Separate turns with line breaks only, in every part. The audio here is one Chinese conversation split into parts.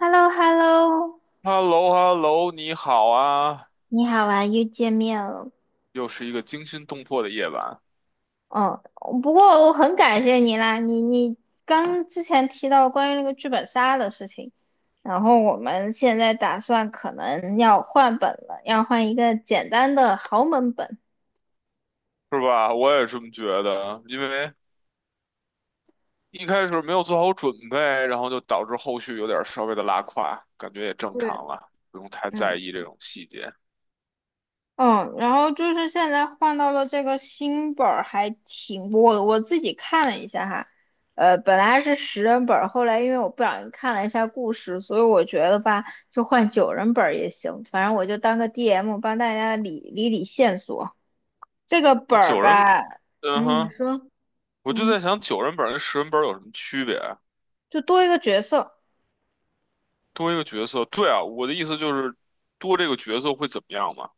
h e l l o h e l l o
h e l l o h e l l o 你好啊！
你好啊，又见面了。
又是一个惊心动魄的夜晚，
哦，不过我很感谢你啦，你刚之前提到关于那个剧本杀的事情，然后我们现在打算可能要换本了，要换一个简单的豪门本。
是吧？我也这么觉得，因为一开始没有做好准备，然后就导致后续有点稍微的拉胯，感觉也正
对。
常了，不用太在
嗯。
意这种细节。
嗯，然后就是现在换到了这个新本儿，还挺我自己看了一下哈。本来是10人本儿，后来因为我不小心看了一下故事，所以我觉得吧，就换9人本儿也行，反正我就当个 DM 帮大家理理线索。这个本
那
儿
九人，
吧。
嗯
嗯，你
哼，
说。
我就
嗯，
在想九人本跟十人本有什么区别啊？
就多一个角色
多一个角色，对啊，我的意思就是多这个角色会怎么样嘛？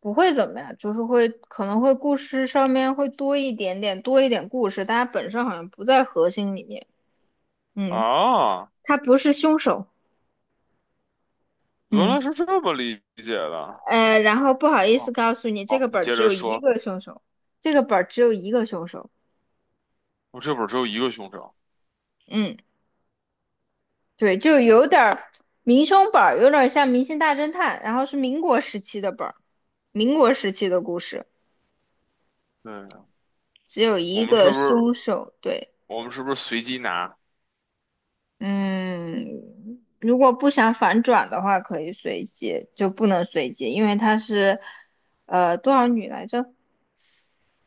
不会怎么样，就是会可能会故事上面会多一点点，多一点故事，但它本身好像不在核心里面。嗯，
啊，
它不是凶手。
原
嗯。
来是这么理解的。
然后不好意思
哦，
告诉你，这
好，
个
你
本儿
接
只
着
有一
说，
个凶手，这个本儿只有一个凶手。
我这本只有一个凶手。
嗯。对，就有点儿民凶本儿，有点儿像《明星大侦探》，然后是民国时期的本儿，民国时期的故事，
对。
只有
我
一
们是
个
不是
凶手。对。
我们是不是随机拿
嗯，如果不想反转的话，可以随机，就不能随机，因为它是多少女来着？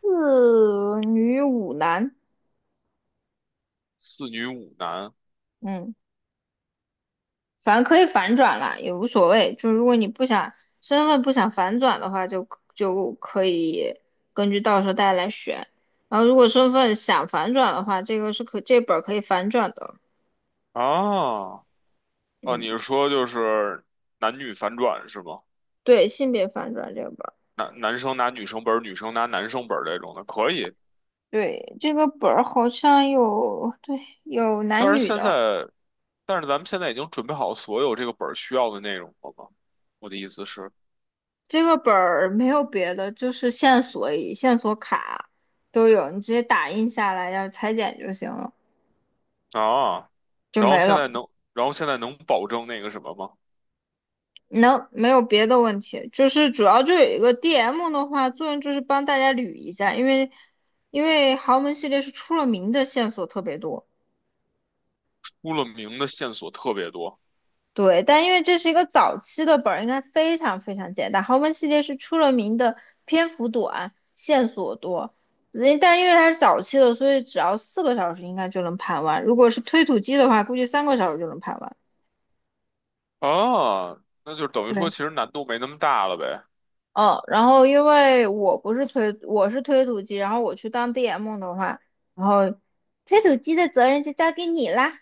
4女5男。
四女五男
嗯。反正可以反转啦，也无所谓。就如果你不想身份不想反转的话，就可以根据到时候大家来选。然后如果身份想反转的话，这个是这本儿可以反转的。
啊？哦，
嗯。
你是说就是男女反转是吗？
对，性别反转这个本儿。
男生拿女生本儿，女生拿男生本儿这种的可以。
对，这个本儿好像有对有
但
男
是
女
现
的。
在，但是咱们现在已经准备好所有这个本儿需要的内容了吗？我的意思是
这个本儿没有别的，就是线索卡都有，你直接打印下来要裁剪就行了，
啊，
就
然后
没
现
了。
在能，然后现在能保证那个什么吗？
能，没有别的问题，就是主要就有一个 DM 的话，作用就是帮大家捋一下，因为豪门系列是出了名的线索特别多。
出了名的线索特别多
对，但因为这是一个早期的本儿，应该非常非常简单。豪门系列是出了名的篇幅短，线索多，但因为它是早期的，所以只要4个小时应该就能盘完。如果是推土机的话，估计3个小时就能盘完。
啊，那就等于说
对。
其实难度没那么大了呗。
哦，然后因为我不是推，我是推土机，然后我去当 DM 的话，然后推土机的责任就交给你啦。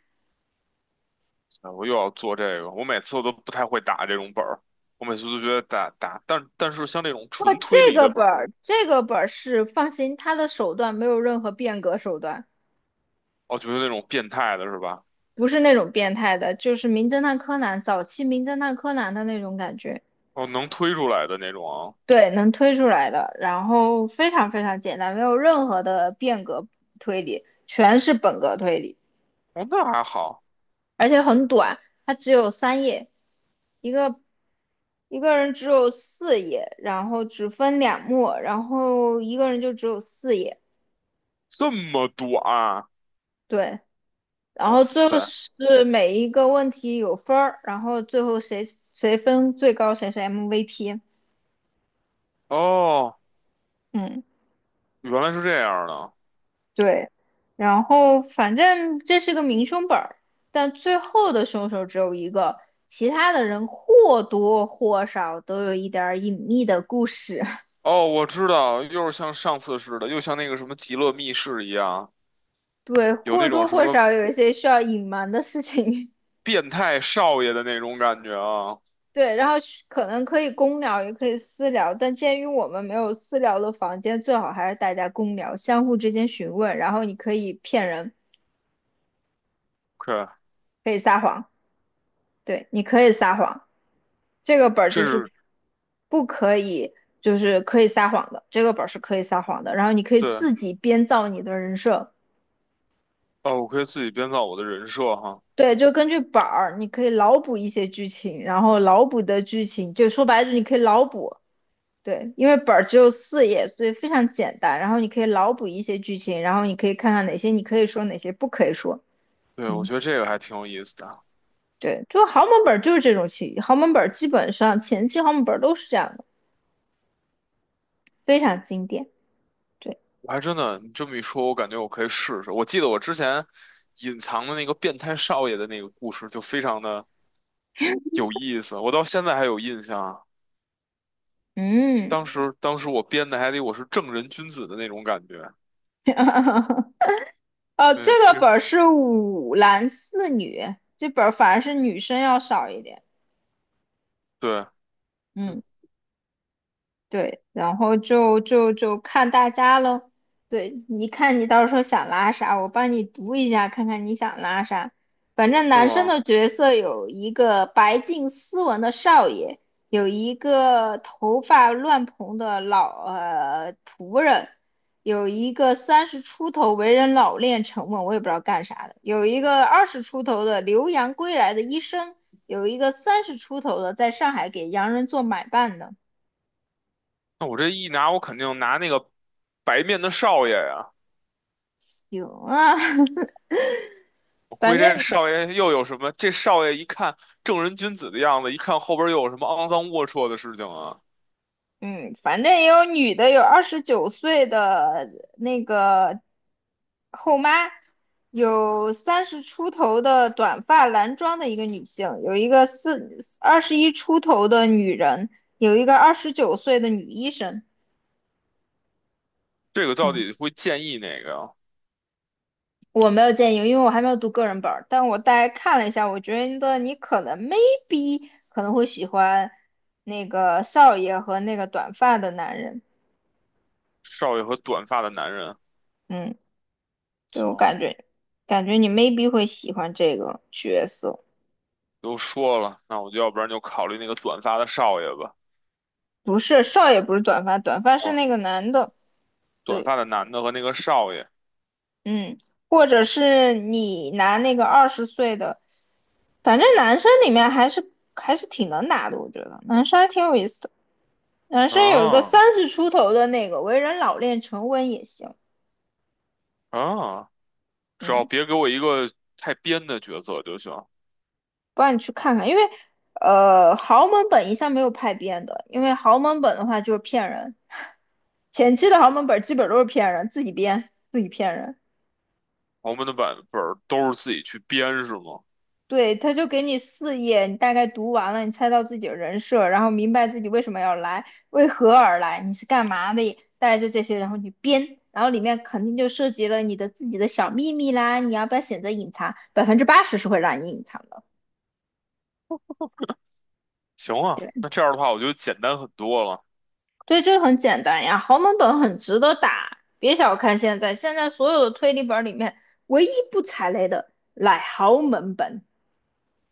啊，我又要做这个，我每次我都不太会打这种本儿，我每次都觉得打，但是像那种
不过
纯推
这
理
个
的本
本
儿，
儿，这个本儿是放心，他的手段没有任何变革手段，
我觉得那种变态的是吧？
不是那种变态的，就是名侦探柯南早期名侦探柯南的那种感觉。
哦，能推出来的那种啊。
对，能推出来的，然后非常非常简单，没有任何的变革推理，全是本格推理。
哦，那还好，
而且很短，它只有3页。一个一个人只有四页，然后只分2幕，然后一个人就只有四页。
这么短，
对，然
哇
后最后
塞，
是每一个问题有分儿，然后最后谁分最高谁是 MVP。
哦，
嗯。
原来是这样的，
对，然后反正这是个明凶本儿，但最后的凶手只有一个，其他的人或多或少都有一点儿隐秘的故事。
哦，我知道，又是像上次似的，又像那个什么极乐密室一样，
对，
有
或
那种
多
什
或
么
少有一些需要隐瞒的事情。
变态少爷的那种感觉啊
对，然后是可能可以公聊，也可以私聊，但鉴于我们没有私聊的房间，最好还是大家公聊，相互之间询问，然后你可以骗人，
，OK,
可以撒谎。对，你可以撒谎。这个本儿就
这
是
是
不可以，就是可以撒谎的，这个本儿是可以撒谎的，然后你可以
对，
自己编造你的人设。
哦，我可以自己编造我的人设哈。
对，就根据本儿，你可以脑补一些剧情，然后脑补的剧情，就说白了，你可以脑补。对，因为本儿只有四页，所以非常简单。然后你可以脑补一些剧情，然后你可以看看哪些你可以说，哪些不可以说。
对，我
嗯。
觉得这个还挺有意思的啊。
对，就豪门本儿就是这种情，豪门本儿基本上前期豪门本儿都是这样的，非常经典。对。
我还真的，你这么一说，我感觉我可以试试。我记得我之前隐藏的那个变态少爷的那个故事，就非常的有意思，我到现在还有印象啊。
嗯。
当时我编的还得我是正人君子的那种感觉。
这
对，其
个
实
本儿是5男4女，这本儿反而是女生要少一点。
对，嗯。
嗯。对，然后就看大家喽。对，你看你到时候想拉啥，我帮你读一下，看看你想拉啥。反正
是
男生
吗？
的角色有一个白净斯文的少爷，有一个头发乱蓬的老仆人，有一个三十出头为人老练沉稳，我也不知道干啥的，有一个20出头的留洋归来的医生，有一个三十出头的在上海给洋人做买办的。
那我这一拿，我肯定拿那个白面的少爷呀。
有啊。
我估
反
计这
正
少爷又有什么？这少爷一看正人君子的样子，一看后边又有什么肮脏龌龊的事情啊？
嗯，反正也有女的，有二十九岁的那个后妈，有三十出头的短发男装的一个女性，有一个4 21出头的女人，有一个二十九岁的女医生。
这个到
嗯，
底会建议哪个呀？
我没有建议，因为我还没有读个人本儿，但我大概看了一下，我觉得你可能会喜欢那个少爷和那个短发的男人。
少爷和短发的男人，
嗯。对，我
行，
感觉，感觉你 maybe 会喜欢这个角色。
都说了，那我就要不然就考虑那个短发的少爷吧。
不是，少爷不是短发，短发是
哦，
那个男的。
短
对。
发的男的和那个少爷，
嗯，或者是你拿那个20岁的，反正男生里面还是挺能拿的，我觉得男生还挺有意思的。男生有一个
啊
三十出头的那个为人老练沉稳也行。
啊，只要
嗯，
别给我一个太编的角色就行。
不然你去看看，因为豪门本一向没有派编的，因为豪门本的话就是骗人。前期的豪门本基本都是骗人，自己编，自己骗人。
豪门的版本儿都是自己去编是吗？
对，他就给你四页，你大概读完了，你猜到自己的人设，然后明白自己为什么要来，为何而来，你是干嘛的，大概就这些，然后你编，然后里面肯定就涉及了你的自己的小秘密啦，你要不要选择隐藏？80%是会让你隐藏的。
行啊，
对。
那这样的话我觉得简单很多了，
对，这个很简单呀，豪门本很值得打。别小看现在，现在所有的推理本里面，唯一不踩雷的乃豪门本。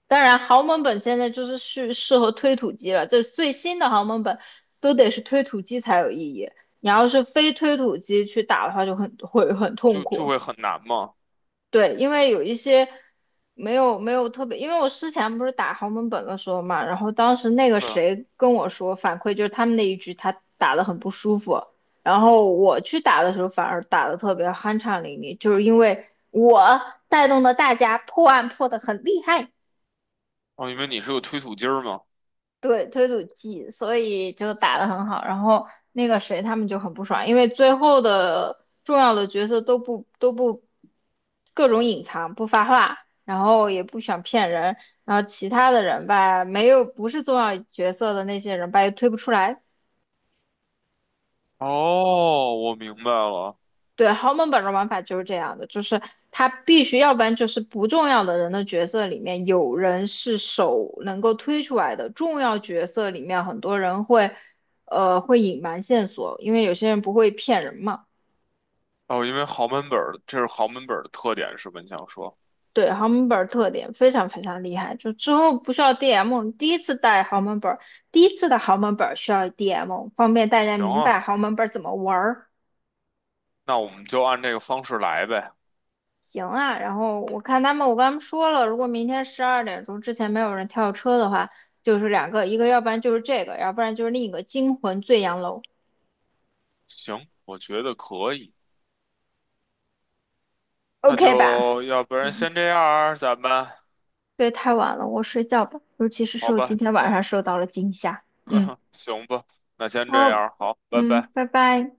当然，豪门本现在就是适合推土机了。这最新的豪门本都得是推土机才有意义，你要是非推土机去打的话，就很会很痛
就
苦。
会很难嘛。
对，因为有一些没有特别，因为我之前不是打豪门本的时候嘛，然后当时那个
对，
谁跟我说反馈就是他们那一局他打得很不舒服，然后我去打的时候反而打的特别酣畅淋漓，就是因为我带动了大家破案破的很厉害。
哦，因为你是个推土机儿嘛。
对，推土机，所以就打得很好。然后那个谁他们就很不爽，因为最后的重要的角色都不各种隐藏，不发话，然后也不想骗人，然后其他的人吧，没有不是重要角色的那些人吧，也推不出来。
哦，我明白了。
对，豪门本的玩法就是这样的，就是他必须，要不然就是不重要的人的角色里面有人是手能够推出来的，重要角色里面很多人会，会隐瞒线索，因为有些人不会骗人嘛。
哦，因为豪门本儿，这是豪门本儿的特点是吧？你想说，
对，豪门本儿特点非常非常厉害，就之后不需要 DM，第一次带豪门本儿，第一次的豪门本儿需要 DM，方便大家
行
明白
啊。
豪门本儿怎么玩儿。
那我们就按这个方式来呗。
行啊，然后我看他们，我跟他们说了，如果明天12点钟之前没有人跳车的话，就是两个，一个要不然就是这个，要不然就是另一个惊魂醉阳楼
行，我觉得可以。那
，OK 吧？
就要不然
嗯
先这样儿，咱们
对，太晚了，我睡觉吧，尤其是
好
受今
吧，
天晚上受到了惊吓。嗯。
行吧，那先这样
好。
儿，好，拜
嗯，
拜。
拜拜。